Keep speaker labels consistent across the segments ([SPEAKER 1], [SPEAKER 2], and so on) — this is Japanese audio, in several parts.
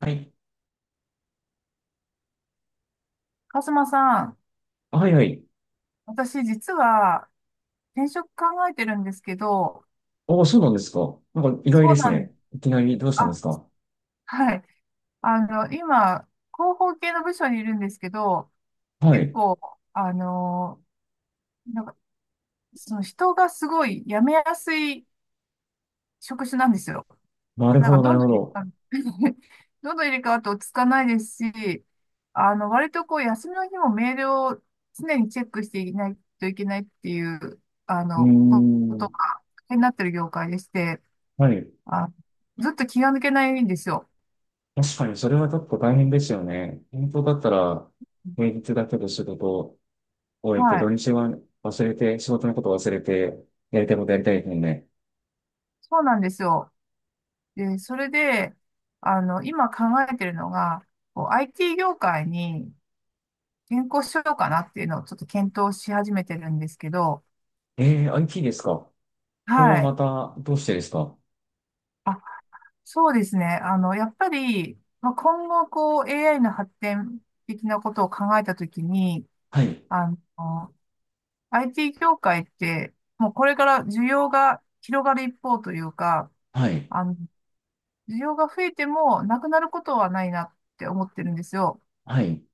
[SPEAKER 1] はい。
[SPEAKER 2] カズマさん、
[SPEAKER 1] はいはい。
[SPEAKER 2] 私実は転職考えてるんですけど、
[SPEAKER 1] おー、そうなんですか。なんか意外
[SPEAKER 2] そ
[SPEAKER 1] で
[SPEAKER 2] う
[SPEAKER 1] す
[SPEAKER 2] なん、
[SPEAKER 1] ね。いきなりどうしたんで
[SPEAKER 2] あ、
[SPEAKER 1] すか。
[SPEAKER 2] はい。今、広報系の部署にいるんですけど、
[SPEAKER 1] は
[SPEAKER 2] 結
[SPEAKER 1] い。
[SPEAKER 2] 構、あの、なんか、その人がすごい辞めやすい職種なんですよ。
[SPEAKER 1] なる
[SPEAKER 2] なん
[SPEAKER 1] ほ
[SPEAKER 2] か、
[SPEAKER 1] ど、な
[SPEAKER 2] ど
[SPEAKER 1] る
[SPEAKER 2] んど
[SPEAKER 1] ほ
[SPEAKER 2] ん入れ替
[SPEAKER 1] ど。
[SPEAKER 2] わる どんどん入れ替わって落ち着かないですし、割とこう、休みの日もメールを常にチェックしていないといけないっていう、
[SPEAKER 1] うー
[SPEAKER 2] ことが、
[SPEAKER 1] ん。
[SPEAKER 2] 大変になってる業界でして、
[SPEAKER 1] はい。
[SPEAKER 2] あ、ずっと気が抜けないんですよ。
[SPEAKER 1] 確かにそれはちょっと大変ですよね。本当だったら、平日だけど仕事を終えて、
[SPEAKER 2] は
[SPEAKER 1] 土
[SPEAKER 2] い。
[SPEAKER 1] 日は忘れて、仕事のこと忘れて、やりたいことやりたいですもんね。
[SPEAKER 2] そうなんですよ。で、それで、今考えてるのが、こう IT 業界に転向しようかなっていうのをちょっと検討し始めてるんですけど、
[SPEAKER 1] えー、IT ですか。これは
[SPEAKER 2] はい。
[SPEAKER 1] また、どうしてですか。
[SPEAKER 2] あ、そうですね。やっぱり、まあ、今後、こう、AI の発展的なことを考えたときに、
[SPEAKER 1] はい。
[SPEAKER 2] あの、IT 業界って、もうこれから需要が広がる一方というか、
[SPEAKER 1] はい。
[SPEAKER 2] あの、需要が増えてもなくなることはないなって思ってるんですよ。
[SPEAKER 1] はい。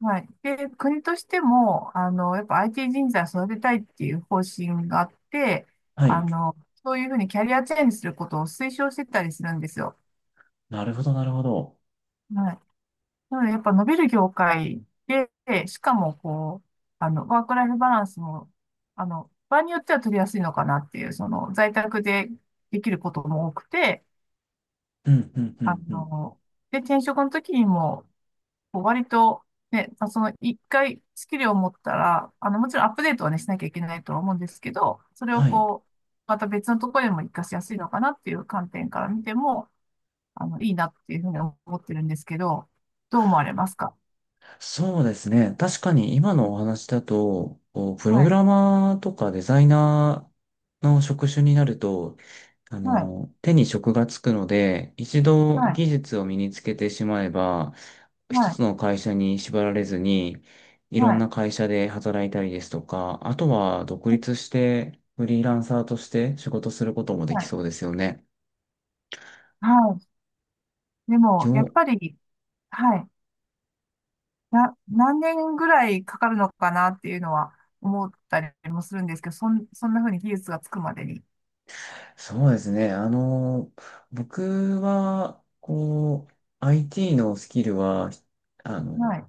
[SPEAKER 2] はい。で、国としても、やっぱ IT 人材を育てたいっていう方針があって、
[SPEAKER 1] は
[SPEAKER 2] あ
[SPEAKER 1] い。
[SPEAKER 2] の、そういうふうにキャリアチェンジすることを推奨してたりするんですよ。
[SPEAKER 1] なるほど、なるほど。
[SPEAKER 2] はい。なので、やっぱ伸びる業界で、しかも、こう、ワークライフバランスも、場合によっては取りやすいのかなっていう、その、在宅でできることも多くて、
[SPEAKER 1] うん、うん、う
[SPEAKER 2] あ
[SPEAKER 1] ん、うん。
[SPEAKER 2] の、で、転職の時にも、こう割と、ね、まあその一回スキルを持ったら、もちろんアップデートはね、しなきゃいけないとは思うんですけど、それを
[SPEAKER 1] はい。
[SPEAKER 2] こう、また別のところでも活かしやすいのかなっていう観点から見ても、いいなっていうふうに思ってるんですけど、どう思われますか？
[SPEAKER 1] そうですね。確かに今のお話だと、こうプロ
[SPEAKER 2] は
[SPEAKER 1] グ
[SPEAKER 2] い、
[SPEAKER 1] ラマーとかデザイナーの職種になると、
[SPEAKER 2] はい、
[SPEAKER 1] 手に職がつくので、一度
[SPEAKER 2] はい、
[SPEAKER 1] 技術を身につけてしまえば、一
[SPEAKER 2] はい、
[SPEAKER 1] つの会社に縛られずに、いろ
[SPEAKER 2] は
[SPEAKER 1] ん
[SPEAKER 2] い、
[SPEAKER 1] な会社で働いたりですとか、あとは独立して、フリーランサーとして仕事することもで
[SPEAKER 2] は
[SPEAKER 1] き
[SPEAKER 2] い。
[SPEAKER 1] そうですよね。
[SPEAKER 2] はい。でも、やっぱり、はい、何年ぐらいかかるのかなっていうのは思ったりもするんですけど、そんなふうに技術がつくまでに。
[SPEAKER 1] そうですね。僕は、こう、IT のスキルは、あ
[SPEAKER 2] は
[SPEAKER 1] の、
[SPEAKER 2] い、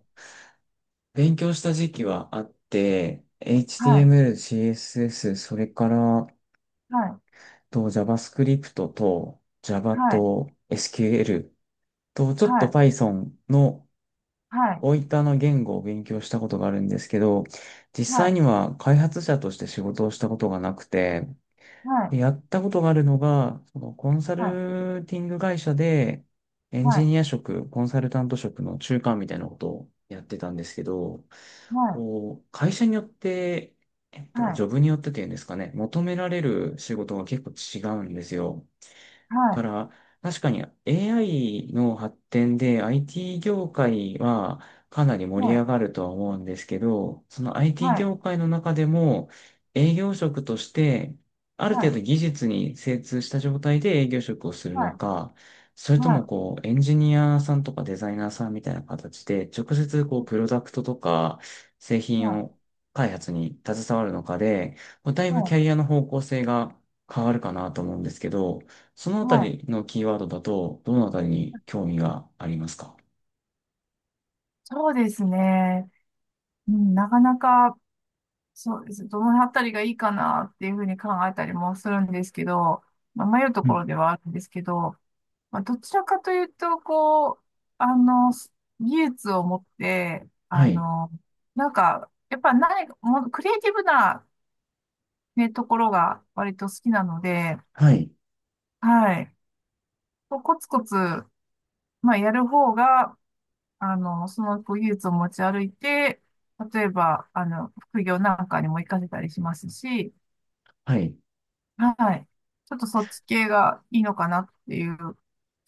[SPEAKER 1] 勉強した時期はあって、
[SPEAKER 2] はい、
[SPEAKER 1] HTML、CSS、それから、
[SPEAKER 2] はい。
[SPEAKER 1] と JavaScript と Java
[SPEAKER 2] はい、
[SPEAKER 1] と SQL と、ち
[SPEAKER 2] は
[SPEAKER 1] ょっと
[SPEAKER 2] い、
[SPEAKER 1] Python の
[SPEAKER 2] はい、
[SPEAKER 1] 大分の言語を勉強したことがあるんですけど、実
[SPEAKER 2] は
[SPEAKER 1] 際
[SPEAKER 2] い、
[SPEAKER 1] には開発者として仕事をしたことがなくて、
[SPEAKER 2] はい、
[SPEAKER 1] で、やったことがあるのが、そのコンサ
[SPEAKER 2] はい、
[SPEAKER 1] ルティング会社で、エン
[SPEAKER 2] は
[SPEAKER 1] ジ
[SPEAKER 2] い、
[SPEAKER 1] ニア職、コンサルタント職の中間みたいなことをやってたんですけど、こう、会社によって、
[SPEAKER 2] は
[SPEAKER 1] ジ
[SPEAKER 2] い、
[SPEAKER 1] ョブによってっていうんですかね、求められる仕事が結構違うんですよ。
[SPEAKER 2] は
[SPEAKER 1] か
[SPEAKER 2] い、
[SPEAKER 1] ら、確かに AI の発展で IT 業界はかなり
[SPEAKER 2] は
[SPEAKER 1] 盛り
[SPEAKER 2] い、
[SPEAKER 1] 上がるとは思うんですけど、その IT 業界の中でも営業職としてある
[SPEAKER 2] はい、
[SPEAKER 1] 程
[SPEAKER 2] は
[SPEAKER 1] 度
[SPEAKER 2] い、
[SPEAKER 1] 技術に精通した状態で営業職をする
[SPEAKER 2] は
[SPEAKER 1] の
[SPEAKER 2] い、
[SPEAKER 1] か、それ
[SPEAKER 2] は
[SPEAKER 1] とも
[SPEAKER 2] い、
[SPEAKER 1] こうエンジニアさんとかデザイナーさんみたいな形で直接こうプロダクトとか製
[SPEAKER 2] は
[SPEAKER 1] 品
[SPEAKER 2] い、
[SPEAKER 1] を開発に携わるのかで、こうだい
[SPEAKER 2] は
[SPEAKER 1] ぶキャ
[SPEAKER 2] い、
[SPEAKER 1] リアの方向性が変わるかなと思うんですけど、そのあた
[SPEAKER 2] はい、
[SPEAKER 1] りのキーワードだと、どのあたりに興味がありますか？
[SPEAKER 2] そうですね。うん、なかなか、そうです。どのあたりがいいかなっていうふうに考えたりもするんですけど、まあ、迷うと
[SPEAKER 1] う
[SPEAKER 2] こ
[SPEAKER 1] ん。
[SPEAKER 2] ろではあるんですけど、まあ、どちらかというと、こう、あの、技術を持って、
[SPEAKER 1] はい。
[SPEAKER 2] なんか、やっぱ何か、もうクリエイティブないうところが割と好きなので、
[SPEAKER 1] はい。
[SPEAKER 2] はい。コツコツ、まあ、やる方が、その技術を持ち歩いて、例えば、副業なんかにも活かせたりしますし、
[SPEAKER 1] はい。
[SPEAKER 2] はい。ちょっとそっち系がいいのかなっていう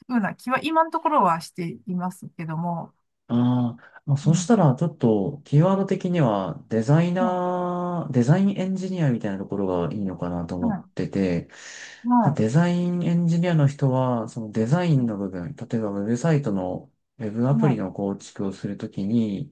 [SPEAKER 2] ふうな気は今のところはしていますけども、
[SPEAKER 1] ああ、まあ、
[SPEAKER 2] う
[SPEAKER 1] そし
[SPEAKER 2] ん。
[SPEAKER 1] たらちょっとキーワード的にはデザイ
[SPEAKER 2] は
[SPEAKER 1] ナー、デザインエンジニアみたいなところがいいのかなと思っ
[SPEAKER 2] い。
[SPEAKER 1] てて、まあ、
[SPEAKER 2] は
[SPEAKER 1] デザインエンジニアの人はそのデザイ
[SPEAKER 2] い。
[SPEAKER 1] ンの部分、例えばウェブサイトのウェブアプ
[SPEAKER 2] は
[SPEAKER 1] リ
[SPEAKER 2] い。
[SPEAKER 1] の構築をするときに、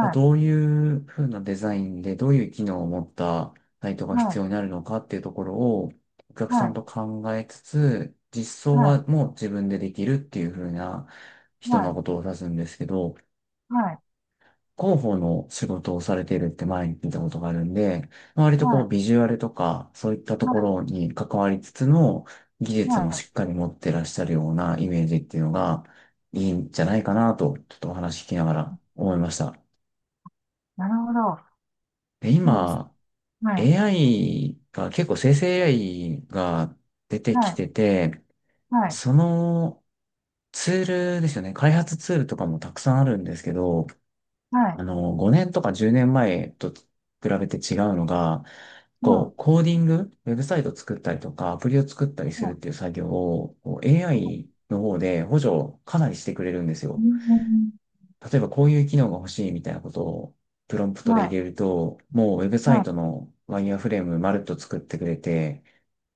[SPEAKER 1] まあ、
[SPEAKER 2] い。
[SPEAKER 1] どういうふうなデザインでどういう機能を持ったサイトが
[SPEAKER 2] は
[SPEAKER 1] 必要に
[SPEAKER 2] い。
[SPEAKER 1] なるのかっていうところをお客さ
[SPEAKER 2] は
[SPEAKER 1] ん
[SPEAKER 2] い。
[SPEAKER 1] と考えつつ、実装
[SPEAKER 2] は
[SPEAKER 1] は
[SPEAKER 2] い。
[SPEAKER 1] もう自分でできるっていうふうな
[SPEAKER 2] は
[SPEAKER 1] 人の
[SPEAKER 2] い。
[SPEAKER 1] ことを指すんですけど、
[SPEAKER 2] はい。
[SPEAKER 1] 広報の仕事をされているって前に聞いたことがあるんで、まあ割と
[SPEAKER 2] は
[SPEAKER 1] こう
[SPEAKER 2] い。
[SPEAKER 1] ビジュアルとかそういったと
[SPEAKER 2] は
[SPEAKER 1] こ
[SPEAKER 2] い。
[SPEAKER 1] ろに関わりつつの技術
[SPEAKER 2] は
[SPEAKER 1] も
[SPEAKER 2] い。は
[SPEAKER 1] しっ
[SPEAKER 2] い。
[SPEAKER 1] かり持ってらっしゃるようなイメージっていうのがいいんじゃないかなと、ちょっとお話聞きながら思いました。
[SPEAKER 2] なるほど。
[SPEAKER 1] で、
[SPEAKER 2] そうです。
[SPEAKER 1] 今、
[SPEAKER 2] はい。
[SPEAKER 1] AI が結構生成 AI が出て
[SPEAKER 2] は
[SPEAKER 1] き
[SPEAKER 2] い。
[SPEAKER 1] てて、
[SPEAKER 2] はい、
[SPEAKER 1] そのツールですよね。開発ツールとかもたくさんあるんですけど、
[SPEAKER 2] はい、
[SPEAKER 1] 5年とか10年前と比べて違うのが、こ
[SPEAKER 2] は
[SPEAKER 1] う、コーディング、ウェブサイト作ったりとか、アプリを作ったり
[SPEAKER 2] い、
[SPEAKER 1] するっ
[SPEAKER 2] は
[SPEAKER 1] ていう作業を、こう
[SPEAKER 2] い、はい、
[SPEAKER 1] AI の方で補助をかなりしてくれるんです
[SPEAKER 2] う
[SPEAKER 1] よ。
[SPEAKER 2] ん、
[SPEAKER 1] 例えばこういう機能が欲しいみたいなことをプロンプトで
[SPEAKER 2] は
[SPEAKER 1] 入
[SPEAKER 2] い、
[SPEAKER 1] れると、もうウェブ
[SPEAKER 2] は
[SPEAKER 1] サイ
[SPEAKER 2] い、
[SPEAKER 1] トのワイヤーフレームまるっと作ってくれて、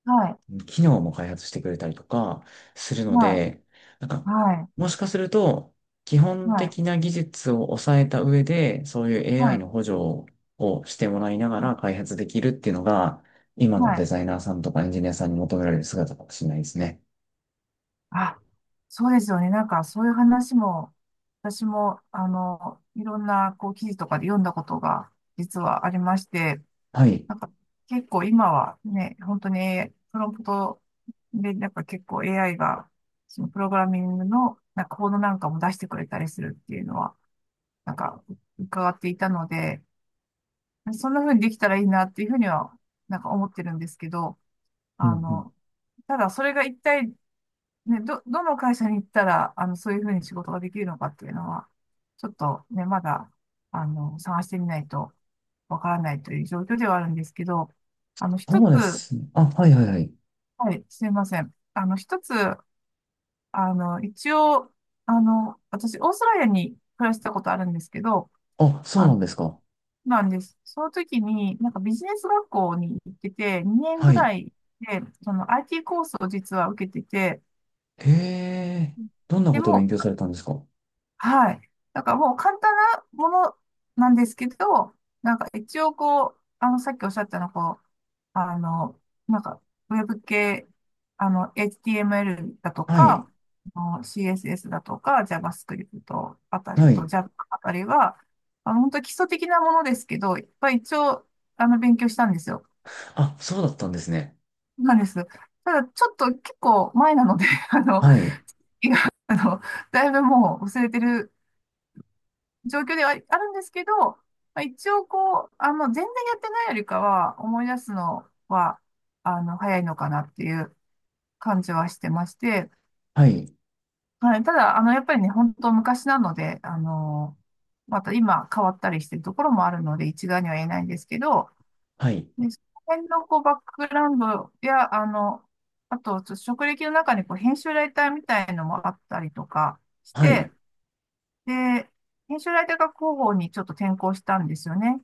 [SPEAKER 2] はい、
[SPEAKER 1] 機能も開発してくれたりとかするので、なんか、
[SPEAKER 2] はい、
[SPEAKER 1] もしかすると、基本
[SPEAKER 2] はい、
[SPEAKER 1] 的な技術を抑えた上で、そういう
[SPEAKER 2] は
[SPEAKER 1] AI
[SPEAKER 2] い、
[SPEAKER 1] の補助をしてもらいなが
[SPEAKER 2] は
[SPEAKER 1] ら
[SPEAKER 2] い、
[SPEAKER 1] 開発できるっていうのが、今
[SPEAKER 2] は
[SPEAKER 1] のデ
[SPEAKER 2] い、
[SPEAKER 1] ザイナーさんとかエンジニアさんに求められる姿かもしれないですね。
[SPEAKER 2] あ、そうですよね。なんか、そういう話も、私も、いろんな、こう、記事とかで読んだことが、実はありまして、
[SPEAKER 1] はい。
[SPEAKER 2] なんか、結構今はね、本当に、プロンプトで、なんか結構 AI が、そのプログラミングの、なんか、コードなんかも出してくれたりするっていうのは、なんか、伺っていたので、そんな風にできたらいいなっていうふうには、なんか思ってるんですけど、
[SPEAKER 1] うんう
[SPEAKER 2] あ
[SPEAKER 1] ん。
[SPEAKER 2] の、ただそれが一体、ね、どの会社に行ったら、そういうふうに仕事ができるのかっていうのは、ちょっとね、まだ、探してみないとわからないという状況ではあるんですけど、一つ、
[SPEAKER 1] そうですね。あ、はいはいはい。
[SPEAKER 2] はい、すいません。一つ、一応、私、オーストラリアに暮らしたことあるんですけど、
[SPEAKER 1] あ、そう
[SPEAKER 2] あ
[SPEAKER 1] な
[SPEAKER 2] の
[SPEAKER 1] んですか。
[SPEAKER 2] なんです。その時に、なんかビジネス学校に行ってて、2年ぐ
[SPEAKER 1] はい。
[SPEAKER 2] らいで、その IT コースを実は受けてて、
[SPEAKER 1] へえ、どんな
[SPEAKER 2] で
[SPEAKER 1] ことを勉
[SPEAKER 2] も、
[SPEAKER 1] 強されたんですか？
[SPEAKER 2] はい。だからもう簡単なものなんですけど、なんか一応こう、さっきおっしゃったの、こう、あの、なんか、ウェブ系、HTML だと
[SPEAKER 1] はい。
[SPEAKER 2] か、CSS だとか、JavaScript あたり
[SPEAKER 1] は
[SPEAKER 2] と
[SPEAKER 1] い。
[SPEAKER 2] Java あたりは、本当基礎的なものですけど、いっぱい一応、勉強したんですよ。
[SPEAKER 1] あ、そうだったんですね。
[SPEAKER 2] なんです。ただ、ちょっと結構前なので、
[SPEAKER 1] はい。
[SPEAKER 2] いやあの、だいぶもう忘れてる状況ではあるんですけど、まあ、一応こう、全然やってないよりかは、思い出すのは、早いのかなっていう感じはしてまして、
[SPEAKER 1] はい。
[SPEAKER 2] はい、ただ、やっぱりね、本当昔なので、また今変わったりしてるところもあるので、一概には言えないんですけど、
[SPEAKER 1] はい。
[SPEAKER 2] で、その辺のこう、バックグラウンドや、あと、ちょっと職歴の中にこう、編集ライターみたいのもあったりとかし
[SPEAKER 1] は
[SPEAKER 2] て、
[SPEAKER 1] い。
[SPEAKER 2] で、編集ライターが広報にちょっと転向したんですよね。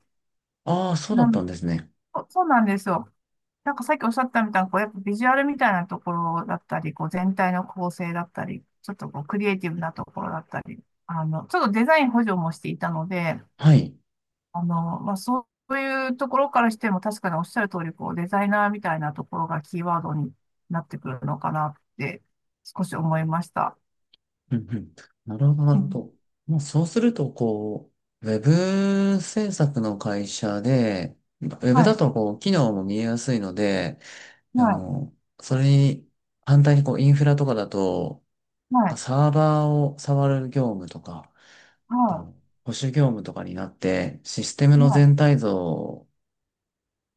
[SPEAKER 1] ああ、そうだ
[SPEAKER 2] な
[SPEAKER 1] った
[SPEAKER 2] ん、
[SPEAKER 1] んですね。
[SPEAKER 2] そうなんですよ。なんかさっきおっしゃったみたいなこうやっぱビジュアルみたいなところだったり、こう全体の構成だったり、ちょっとこうクリエイティブなところだったり、ちょっとデザイン補助もしていたので、
[SPEAKER 1] はい。
[SPEAKER 2] まあそういうところからしても確かにおっしゃる通りこうデザイナーみたいなところがキーワードになってくるのかなって少し思いました。
[SPEAKER 1] うんうん。なるほど、なる
[SPEAKER 2] は
[SPEAKER 1] ほ
[SPEAKER 2] い、
[SPEAKER 1] ど。もうそうすると、こう、ウェブ制作の会社で、ウェ
[SPEAKER 2] は
[SPEAKER 1] ブだ
[SPEAKER 2] い、
[SPEAKER 1] と、こう、機能も見えやすいので、あ
[SPEAKER 2] は
[SPEAKER 1] の、それに、反対に、こう、インフラとかだと、
[SPEAKER 2] い、はい、
[SPEAKER 1] サーバーを触る業務とか、あの
[SPEAKER 2] は
[SPEAKER 1] 保守業務とかになって、システム
[SPEAKER 2] い、
[SPEAKER 1] の
[SPEAKER 2] は
[SPEAKER 1] 全体像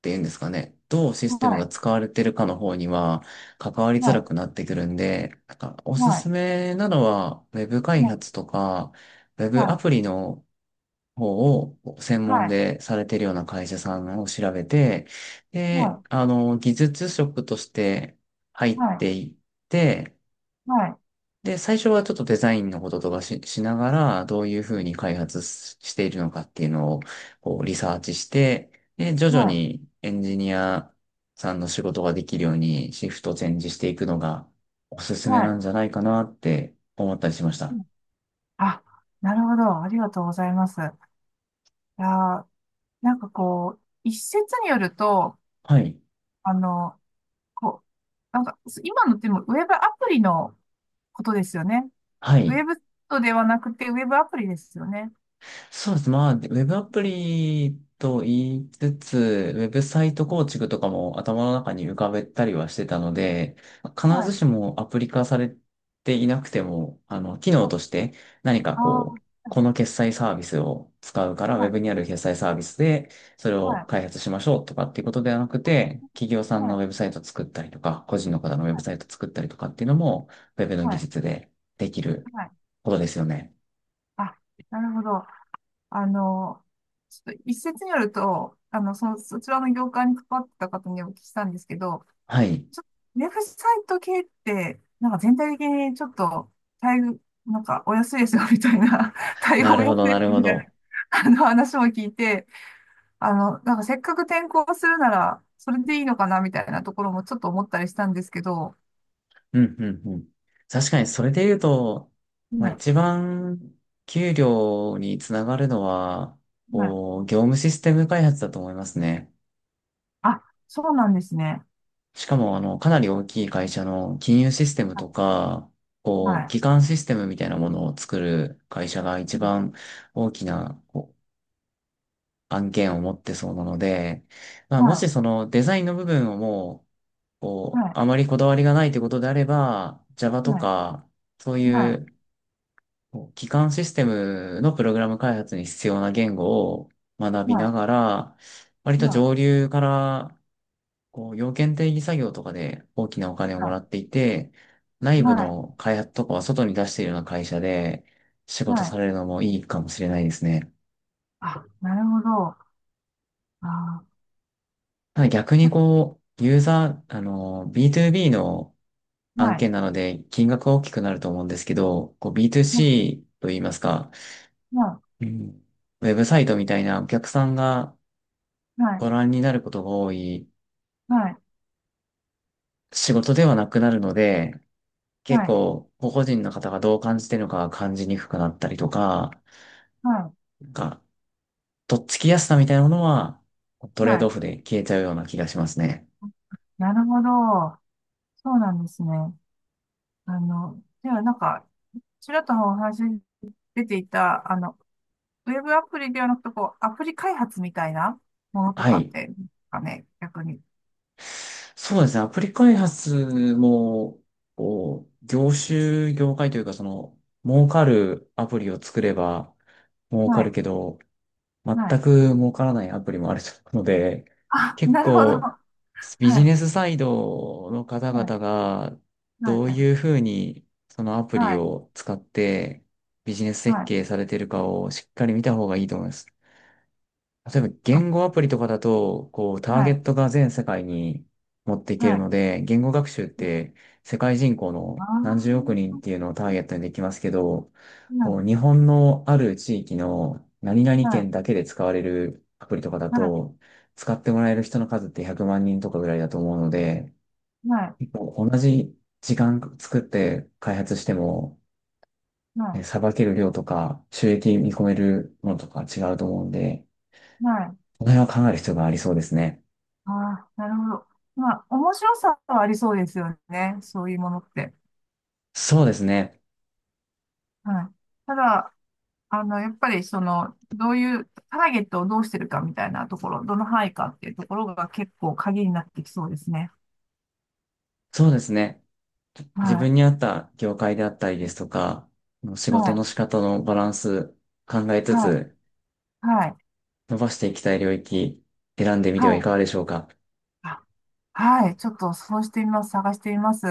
[SPEAKER 1] ていうんですかね、どうシス
[SPEAKER 2] い、
[SPEAKER 1] テ
[SPEAKER 2] は
[SPEAKER 1] ムが
[SPEAKER 2] い、
[SPEAKER 1] 使われてるかの方には関わりづらくなってくるんで、なんかおす
[SPEAKER 2] はい、
[SPEAKER 1] す
[SPEAKER 2] はい、
[SPEAKER 1] めなのはウェブ開
[SPEAKER 2] は
[SPEAKER 1] 発とかウェブア
[SPEAKER 2] い、
[SPEAKER 1] プリの方を専
[SPEAKER 2] は
[SPEAKER 1] 門
[SPEAKER 2] い、
[SPEAKER 1] でされてるような会社さんを調べて、で、技術職として入っ
[SPEAKER 2] は
[SPEAKER 1] ていって、
[SPEAKER 2] い、
[SPEAKER 1] で、最初はちょっとデザインのこととかしながら、どういうふうに開発ししているのかっていうのをこうリサーチして、で、徐々
[SPEAKER 2] はい。
[SPEAKER 1] にエンジニアさんの仕事ができるようにシフトチェンジしていくのがおすすめ
[SPEAKER 2] は
[SPEAKER 1] な
[SPEAKER 2] い。
[SPEAKER 1] んじゃないかなって思ったりしまし
[SPEAKER 2] う
[SPEAKER 1] た。
[SPEAKER 2] ん。あ、なるほど。ありがとうございます。いやー、なんかこう、一説によると、
[SPEAKER 1] はい。
[SPEAKER 2] あの、こう、なんか、今のってもウェブアプリのことですよね。
[SPEAKER 1] は
[SPEAKER 2] ウ
[SPEAKER 1] い。
[SPEAKER 2] ェブとではなくて、ウェブアプリですよね。
[SPEAKER 1] そうです。まあ、ウェブアプリと言いつつ、ウェブサイト
[SPEAKER 2] はい。
[SPEAKER 1] 構築とかも頭の中に浮かべたりはしてたので、必ずしもアプリ化されていなくても、機
[SPEAKER 2] は
[SPEAKER 1] 能
[SPEAKER 2] い。
[SPEAKER 1] として何か
[SPEAKER 2] あ
[SPEAKER 1] こう、
[SPEAKER 2] あ、
[SPEAKER 1] この決済サービスを使うから、ウ
[SPEAKER 2] は
[SPEAKER 1] ェ
[SPEAKER 2] い。
[SPEAKER 1] ブにある決済サービスで、それ
[SPEAKER 2] は
[SPEAKER 1] を
[SPEAKER 2] い。
[SPEAKER 1] 開発しましょうとかっていうことではなくて、企業さん
[SPEAKER 2] は
[SPEAKER 1] のウ
[SPEAKER 2] い。
[SPEAKER 1] ェブサイト作ったりとか、個人の方のウェブ
[SPEAKER 2] は
[SPEAKER 1] サイト作ったりとかっていうのも、ウェブの技
[SPEAKER 2] い。
[SPEAKER 1] 術でできる
[SPEAKER 2] はい。
[SPEAKER 1] ことですよね。
[SPEAKER 2] あ、なるほど。あの、ちょっと一説によると、その、そちらの業界に関わってた方にお聞きしたんですけど、
[SPEAKER 1] はい。
[SPEAKER 2] ちょウェブサイト系って、なんか全体的にちょっと、待遇なんかお安いですよみたいな、対応
[SPEAKER 1] な
[SPEAKER 2] お
[SPEAKER 1] るほ
[SPEAKER 2] 安
[SPEAKER 1] ど、
[SPEAKER 2] い
[SPEAKER 1] な
[SPEAKER 2] です
[SPEAKER 1] るほ
[SPEAKER 2] みたいな、
[SPEAKER 1] ど。
[SPEAKER 2] あの話も聞いて、なんかせっかく転校するなら、それでいいのかなみたいなところもちょっと思ったりしたんですけど、
[SPEAKER 1] うん、うん、うん。確かにそれで言うと、まあ、一
[SPEAKER 2] は
[SPEAKER 1] 番給料につながるのは、
[SPEAKER 2] い、はい。
[SPEAKER 1] こう、業務システム開発だと思いますね。
[SPEAKER 2] あ、そうなんですね。
[SPEAKER 1] しかも、かなり大きい会社の金融システム
[SPEAKER 2] は
[SPEAKER 1] と
[SPEAKER 2] い、
[SPEAKER 1] か、
[SPEAKER 2] は
[SPEAKER 1] こう、
[SPEAKER 2] い、
[SPEAKER 1] 基幹システムみたいなものを作る会社が一番大きなこう案件を持ってそうなので、まあ、もし
[SPEAKER 2] は
[SPEAKER 1] そのデザインの部分をもう、
[SPEAKER 2] い、
[SPEAKER 1] こ
[SPEAKER 2] は
[SPEAKER 1] う、
[SPEAKER 2] い、
[SPEAKER 1] あまりこだわりがないということであれば、Java と
[SPEAKER 2] はい、
[SPEAKER 1] か、そう
[SPEAKER 2] は
[SPEAKER 1] い
[SPEAKER 2] い、
[SPEAKER 1] うこう基幹システムのプログラム開発に必要な言語を学
[SPEAKER 2] は
[SPEAKER 1] びな
[SPEAKER 2] い、
[SPEAKER 1] がら、割
[SPEAKER 2] は
[SPEAKER 1] と
[SPEAKER 2] い、
[SPEAKER 1] 上流からこう要件定義作業とかで大きなお金をもらっていて、内部
[SPEAKER 2] はい、
[SPEAKER 1] の開発とかは外に出しているような会社で仕事
[SPEAKER 2] はい。
[SPEAKER 1] されるのもいいかもしれないですね。
[SPEAKER 2] あ、なるほど。あ、
[SPEAKER 1] ただ逆にこう、ユーザー、B2B の
[SPEAKER 2] は
[SPEAKER 1] 案
[SPEAKER 2] い、
[SPEAKER 1] 件なので金額は大きくなると思うんですけど、こう
[SPEAKER 2] は
[SPEAKER 1] B2C と言いますか、
[SPEAKER 2] い、
[SPEAKER 1] うん、ウェブサイトみたいなお客さんが
[SPEAKER 2] はい、
[SPEAKER 1] ご覧になることが多い
[SPEAKER 2] はい。
[SPEAKER 1] 仕事ではなくなるので、
[SPEAKER 2] は
[SPEAKER 1] 結
[SPEAKER 2] い、
[SPEAKER 1] 構、個々人の方がどう感じてるのかが感じにくくなったりとか、
[SPEAKER 2] は
[SPEAKER 1] なんか、とっつきやすさみたいなものは、ト
[SPEAKER 2] い、
[SPEAKER 1] レー
[SPEAKER 2] は
[SPEAKER 1] ドオ
[SPEAKER 2] い。
[SPEAKER 1] フで消えちゃうような気がしますね。
[SPEAKER 2] なるほど。そうなんですね。ではなんか、ちらっとお話に出ていた、ウェブアプリではなくて、こう、アプリ開発みたいなものと
[SPEAKER 1] は
[SPEAKER 2] かっ
[SPEAKER 1] い。
[SPEAKER 2] て、かね、逆に。
[SPEAKER 1] そうですね。アプリ開発も、こう、業種、業界というか、その、儲かるアプリを作れば儲
[SPEAKER 2] は
[SPEAKER 1] かる
[SPEAKER 2] い、
[SPEAKER 1] けど、全
[SPEAKER 2] はい。
[SPEAKER 1] く儲からないアプリもあると思うので、
[SPEAKER 2] あ、
[SPEAKER 1] 結
[SPEAKER 2] なるほど。
[SPEAKER 1] 構
[SPEAKER 2] は
[SPEAKER 1] ビジ
[SPEAKER 2] い、
[SPEAKER 1] ネスサイドの方
[SPEAKER 2] は
[SPEAKER 1] 々
[SPEAKER 2] い、
[SPEAKER 1] が
[SPEAKER 2] は
[SPEAKER 1] どういう
[SPEAKER 2] い、
[SPEAKER 1] ふうにそのアプリ
[SPEAKER 2] はい、
[SPEAKER 1] を使ってビジネス設
[SPEAKER 2] はい。
[SPEAKER 1] 計されてるかをしっかり見た方がいいと思います。例えば
[SPEAKER 2] あ、
[SPEAKER 1] 言語アプリとかだと、こう、タ
[SPEAKER 2] は
[SPEAKER 1] ーゲ
[SPEAKER 2] い、
[SPEAKER 1] ットが全世界に持っていけ
[SPEAKER 2] は
[SPEAKER 1] る
[SPEAKER 2] い。
[SPEAKER 1] ので、言語学習って世界人口
[SPEAKER 2] あ
[SPEAKER 1] の
[SPEAKER 2] あ、
[SPEAKER 1] 何十億人っていう
[SPEAKER 2] は
[SPEAKER 1] のをターゲットにできますけど、こう、日
[SPEAKER 2] い、
[SPEAKER 1] 本のある地域の何々
[SPEAKER 2] はい、
[SPEAKER 1] 県だけで使われるアプリとかだ
[SPEAKER 2] はい、
[SPEAKER 1] と、使ってもらえる人の数って100万人とかぐらいだと思うので、
[SPEAKER 2] はい、
[SPEAKER 1] もう同じ時間作って開発しても、
[SPEAKER 2] はい、
[SPEAKER 1] ね
[SPEAKER 2] は
[SPEAKER 1] さばける量とか収益見込めるものとか違うと思うんで、
[SPEAKER 2] い、はい、
[SPEAKER 1] この辺は考える必要がありそうですね。
[SPEAKER 2] ああ、なるほど。まあ、面白さはありそうですよね。そういうものって。
[SPEAKER 1] そうですね。
[SPEAKER 2] はい。ただ、やっぱりその、どういう、ターゲットをどうしてるかみたいなところ、どの範囲かっていうところが結構鍵になってきそうですね。
[SPEAKER 1] そうですね。自
[SPEAKER 2] はい。
[SPEAKER 1] 分に合った業界であったりですとか、仕
[SPEAKER 2] は
[SPEAKER 1] 事の
[SPEAKER 2] い。
[SPEAKER 1] 仕方のバランス考えつ
[SPEAKER 2] は
[SPEAKER 1] つ
[SPEAKER 2] い。はい。
[SPEAKER 1] 伸ばしていきたい領域選んでみて
[SPEAKER 2] は
[SPEAKER 1] はい
[SPEAKER 2] い。
[SPEAKER 1] かがでしょうか。
[SPEAKER 2] あ、はい。ちょっとそうしてみます。探してみます。